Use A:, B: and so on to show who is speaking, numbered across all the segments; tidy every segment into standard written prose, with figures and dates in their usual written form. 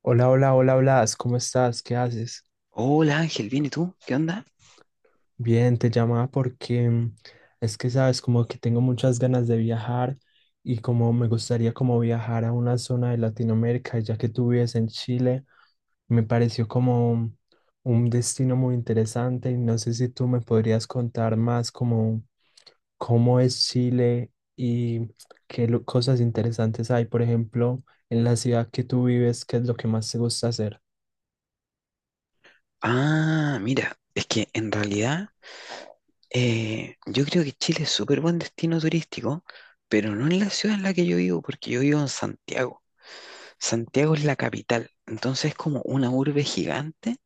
A: Hola, hola, hola, Blas, ¿cómo estás? ¿Qué haces?
B: Hola Ángel, ¿bien y tú? ¿Qué onda?
A: Bien, te llamaba porque es que sabes, como que tengo muchas ganas de viajar y como me gustaría como viajar a una zona de Latinoamérica, ya que tú vives en Chile, me pareció como un destino muy interesante y no sé si tú me podrías contar más como cómo es Chile y cosas interesantes hay, por ejemplo, en la ciudad que tú vives, ¿qué es lo que más te gusta hacer?
B: Ah, mira, es que en realidad yo creo que Chile es súper buen destino turístico, pero no en la ciudad en la que yo vivo, porque yo vivo en Santiago. Santiago es la capital, entonces es como una urbe gigante.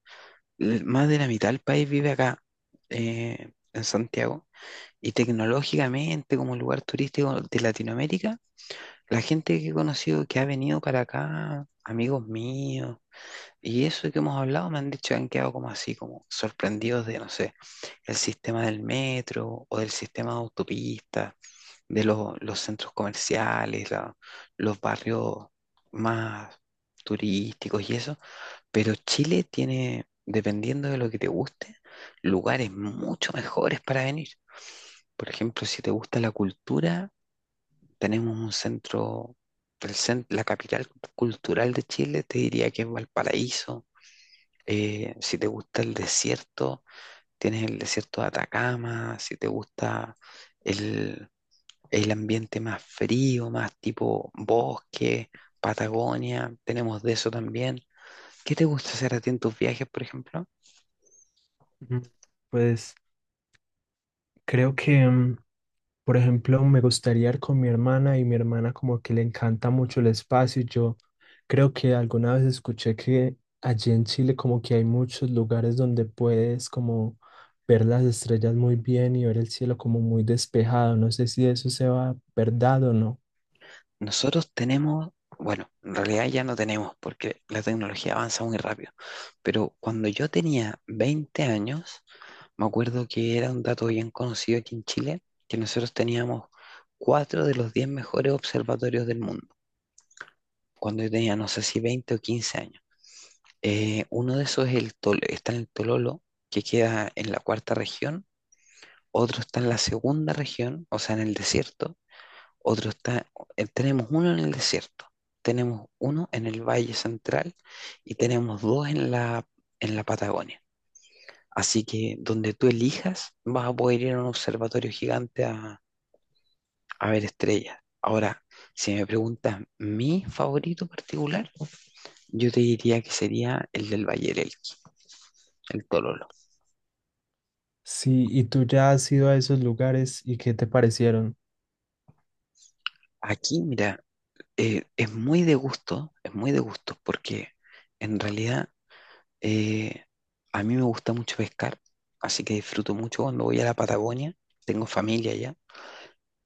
B: Más de la mitad del país vive acá, en Santiago. Y tecnológicamente, como lugar turístico de Latinoamérica, la gente que he conocido que ha venido para acá, amigos míos, y eso que hemos hablado me han dicho que han quedado como así, como sorprendidos de, no sé, el sistema del metro o del sistema de autopistas, de los centros comerciales, los barrios más turísticos y eso. Pero Chile tiene, dependiendo de lo que te guste, lugares mucho mejores para venir. Por ejemplo, si te gusta la cultura, tenemos un centro, la capital cultural de Chile, te diría que es Valparaíso. Eh, si te gusta el desierto, tienes el desierto de Atacama. Si te gusta el, el ambiente más frío, más tipo bosque, Patagonia, tenemos de eso también. ¿Qué te gusta hacer a ti en tus viajes, por ejemplo?
A: Mm, Pues creo que por ejemplo, me gustaría ir con mi hermana y mi hermana como que le encanta mucho el espacio. Yo creo que alguna vez escuché que allí en Chile como que hay muchos lugares donde puedes como ver las estrellas muy bien y ver el cielo como muy despejado. No sé si eso sea verdad o no.
B: Nosotros tenemos, bueno, en realidad ya no tenemos porque la tecnología avanza muy rápido, pero cuando yo tenía 20 años, me acuerdo que era un dato bien conocido aquí en Chile, que nosotros teníamos 4 de los 10 mejores observatorios del mundo, cuando yo tenía, no sé si 20 o 15 años. Uno de esos es el está en el Tololo, que queda en la cuarta región, otro está en la segunda región, o sea, en el desierto, otro está, tenemos uno en el desierto, tenemos uno en el Valle Central y tenemos dos en en la Patagonia. Así que donde tú elijas, vas a poder ir a un observatorio gigante a ver, estrella. Ahora, si me preguntas mi favorito particular, yo te diría que sería el del Valle del Elqui, el Tololo.
A: Sí, ¿y tú ya has ido a esos lugares y qué te parecieron?
B: Aquí, mira, es muy de gusto, es muy de gusto, porque en realidad eh, a mí me gusta mucho pescar, así que disfruto mucho cuando voy a la Patagonia, tengo familia allá,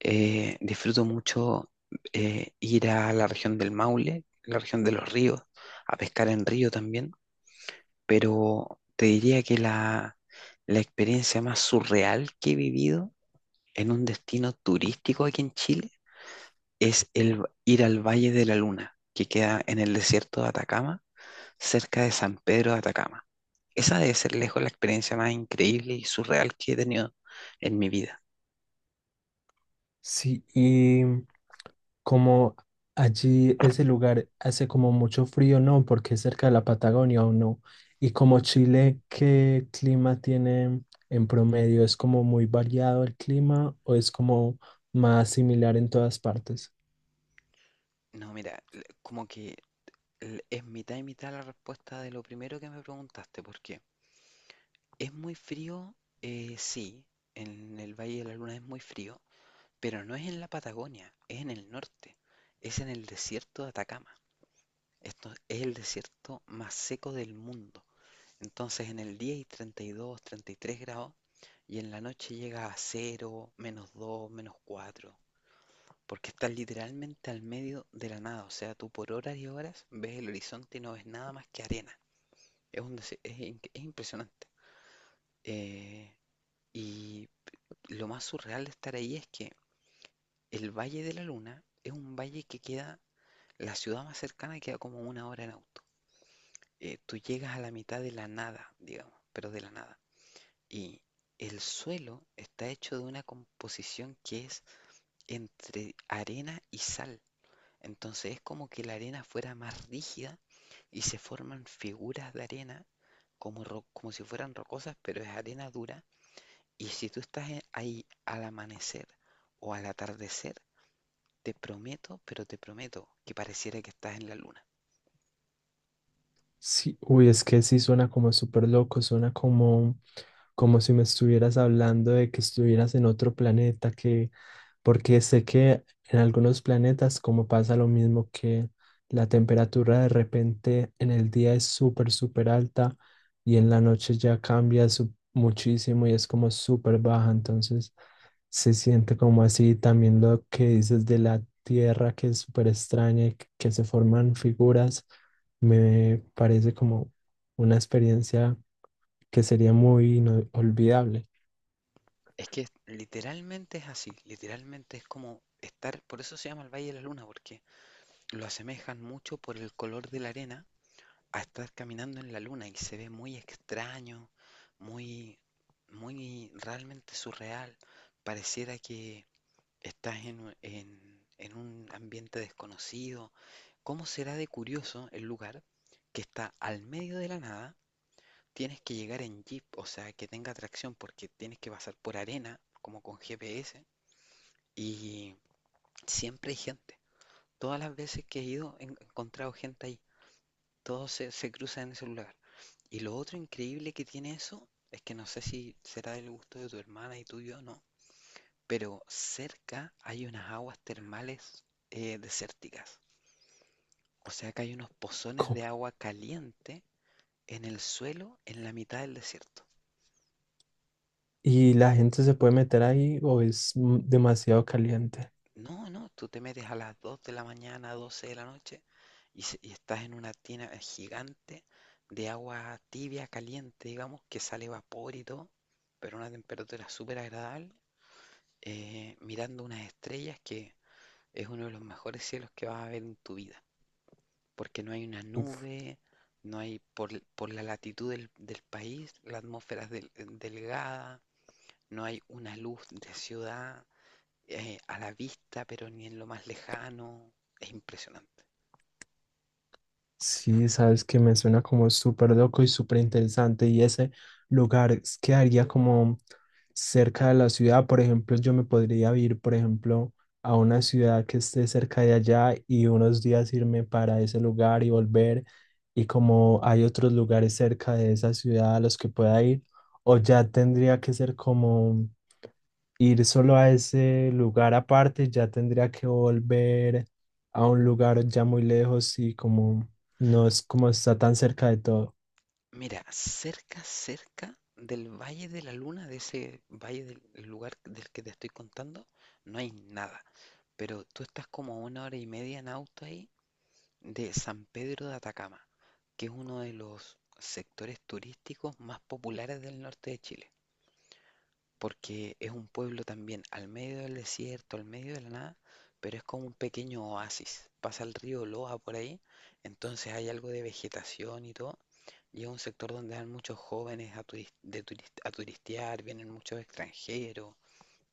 B: disfruto mucho ir a la región del Maule, la región de los ríos, a pescar en río también, pero te diría que la experiencia más surreal que he vivido en un destino turístico aquí en Chile es ir al Valle de la Luna, que queda en el desierto de Atacama, cerca de San Pedro de Atacama. Esa debe ser lejos la experiencia más increíble y surreal que he tenido en mi vida.
A: Sí, y como allí ese lugar hace como mucho frío, ¿no? Porque es cerca de la Patagonia o no. Y como Chile, ¿qué clima tiene en promedio? ¿Es como muy variado el clima o es como más similar en todas partes?
B: No, mira, como que es mitad y mitad la respuesta de lo primero que me preguntaste, porque es muy frío, sí, en el Valle de la Luna es muy frío, pero no es en la Patagonia, es en el norte, es en el desierto de Atacama. Esto es el desierto más seco del mundo. Entonces en el día hay 32, 33 grados y en la noche llega a cero, menos dos, menos cuatro, porque estás literalmente al medio de la nada. O sea, tú por horas y horas ves el horizonte y no ves nada más que arena. Es un es es impresionante. Eh, y lo más surreal de estar ahí es que el Valle de la Luna es un valle que queda... La ciudad más cercana queda como una hora en auto. Tú llegas a la mitad de la nada, digamos, pero de la nada. Y el suelo está hecho de una composición que es entre arena y sal. Entonces es como que la arena fuera más rígida y se forman figuras de arena como, como si fueran rocosas, pero es arena dura. Y si tú estás ahí al amanecer o al atardecer, te prometo, pero te prometo que pareciera que estás en la luna.
A: Sí, uy, es que sí suena como súper loco, suena como, como si me estuvieras hablando de que estuvieras en otro planeta, que, porque sé que en algunos planetas como pasa lo mismo que la temperatura de repente en el día es súper, súper alta y en la noche ya cambia muchísimo y es como súper baja, entonces se siente como así también lo que dices de la Tierra que es súper extraña y que se forman figuras. Me parece como una experiencia que sería muy inolvidable.
B: Es que literalmente es así, literalmente es como estar, por eso se llama el Valle de la Luna, porque lo asemejan mucho por el color de la arena a estar caminando en la luna y se ve muy extraño, muy, muy realmente surreal. Pareciera que estás en un ambiente desconocido. ¿Cómo será de curioso el lugar que está al medio de la nada? Tienes que llegar en jeep, o sea, que tenga tracción porque tienes que pasar por arena, como con GPS. Y siempre hay gente. Todas las veces que he ido he encontrado gente ahí. Todos se cruzan en ese lugar. Y lo otro increíble que tiene eso es que no sé si será del gusto de tu hermana y tuyo o no, pero cerca hay unas aguas termales desérticas. O sea que hay unos pozones
A: Co-
B: de agua caliente en el suelo en la mitad del desierto.
A: ¿Y la gente se puede meter ahí o es demasiado caliente?
B: No, no, tú te metes a las 2 de la mañana, 12 de la noche, y y estás en una tina gigante de agua tibia, caliente, digamos, que sale vapor y todo, pero a una temperatura súper agradable, mirando unas estrellas que es uno de los mejores cielos que vas a ver en tu vida, porque no hay una nube, no hay, por, por la latitud del país, la atmósfera es delgada, no hay una luz de ciudad, a la vista, pero ni en lo más lejano. Es impresionante.
A: Sí, sabes que me suena como súper loco y súper interesante. Y ese lugar quedaría como cerca de la ciudad. Por ejemplo, yo me podría ir, por ejemplo, a una ciudad que esté cerca de allá y unos días irme para ese lugar y volver. Y como hay otros lugares cerca de esa ciudad a los que pueda ir, o ya tendría que ser como ir solo a ese lugar aparte, ya tendría que volver a un lugar ya muy lejos y como no es como está tan cerca de todo.
B: Mira, cerca, cerca del Valle de la Luna, de ese valle del lugar del que te estoy contando, no hay nada. Pero tú estás como una hora y media en auto ahí de San Pedro de Atacama, que es uno de los sectores turísticos más populares del norte de Chile, porque es un pueblo también al medio del desierto, al medio de la nada, pero es como un pequeño oasis. Pasa el río Loa por ahí, entonces hay algo de vegetación y todo. Y es un sector donde van muchos jóvenes a, a turistear, vienen muchos extranjeros,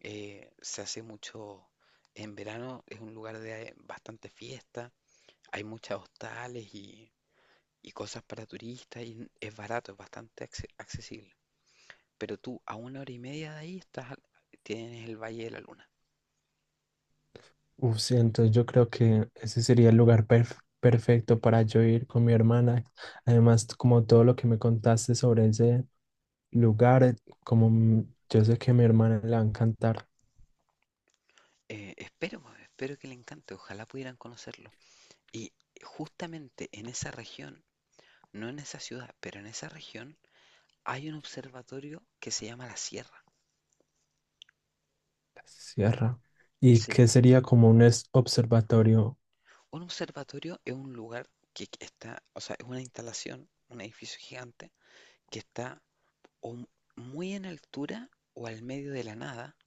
B: se hace mucho, en verano es un lugar de bastante fiesta, hay muchas hostales y cosas para turistas y es barato, es bastante accesible. Pero tú, a una hora y media de ahí, estás, tienes el Valle de la Luna.
A: Uf, sí, entonces yo creo que ese sería el lugar perfecto para yo ir con mi hermana. Además, como todo lo que me contaste sobre ese lugar, como yo sé que a mi hermana le va a encantar
B: Espero, pues, espero que le encante, ojalá pudieran conocerlo. Y justamente en esa región, no en esa ciudad, pero en esa región, hay un observatorio que se llama La Sierra.
A: la sierra y que
B: Sí,
A: sería como un observatorio.
B: un observatorio es un lugar que está, o sea, es una instalación, un edificio gigante, que está o muy en altura o al medio de la nada,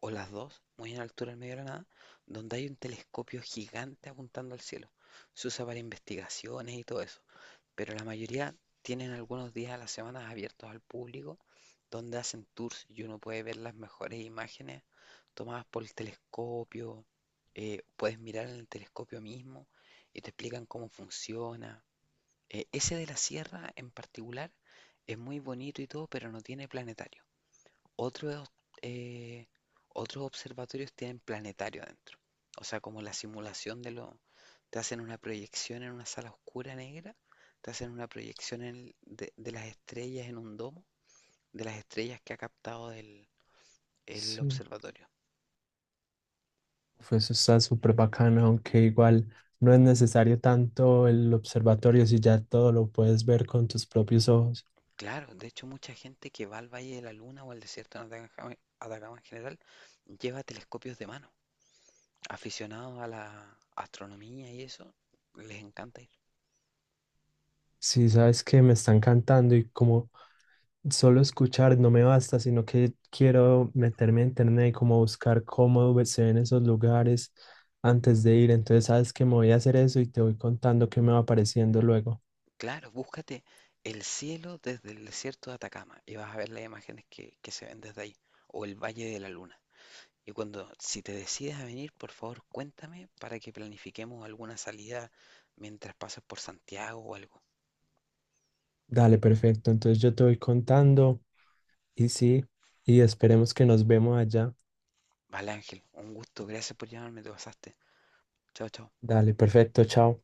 B: o las dos, muy en altura en medio de la nada, donde hay un telescopio gigante apuntando al cielo. Se usa para investigaciones y todo eso, pero la mayoría tienen algunos días a la semana abiertos al público, donde hacen tours y uno puede ver las mejores imágenes tomadas por el telescopio, puedes mirar en el telescopio mismo y te explican cómo funciona. Ese de la Sierra en particular es muy bonito y todo, pero no tiene planetario. Otros, eh, otros observatorios tienen planetario adentro. O sea, como la simulación de lo... Te hacen una proyección en una sala oscura negra, te hacen una proyección en de las estrellas en un domo, de las estrellas que ha captado el
A: Sí.
B: observatorio.
A: Uf, eso está súper bacano, aunque igual no es necesario tanto el observatorio si ya todo lo puedes ver con tus propios ojos.
B: Claro, de hecho mucha gente que va al Valle de la Luna o al desierto de Atacama, Atacama en general, lleva telescopios de mano. Aficionados a la astronomía y eso, les encanta.
A: Si sabes que me están cantando y como solo escuchar no me basta, sino que quiero meterme a internet y como buscar cómo se ven esos lugares antes de ir. Entonces sabes que me voy a hacer eso y te voy contando qué me va apareciendo luego.
B: Claro, búscate el cielo desde el desierto de Atacama y vas a ver las imágenes que se ven desde ahí, o el Valle de la Luna. Y cuando, si te decides a venir, por favor, cuéntame para que planifiquemos alguna salida mientras pasas por Santiago o algo.
A: Dale, perfecto. Entonces yo te voy contando y sí, y esperemos que nos vemos allá.
B: Vale, Ángel, un gusto, gracias por llamarme, te pasaste. Chao, chao.
A: Dale, perfecto, chao.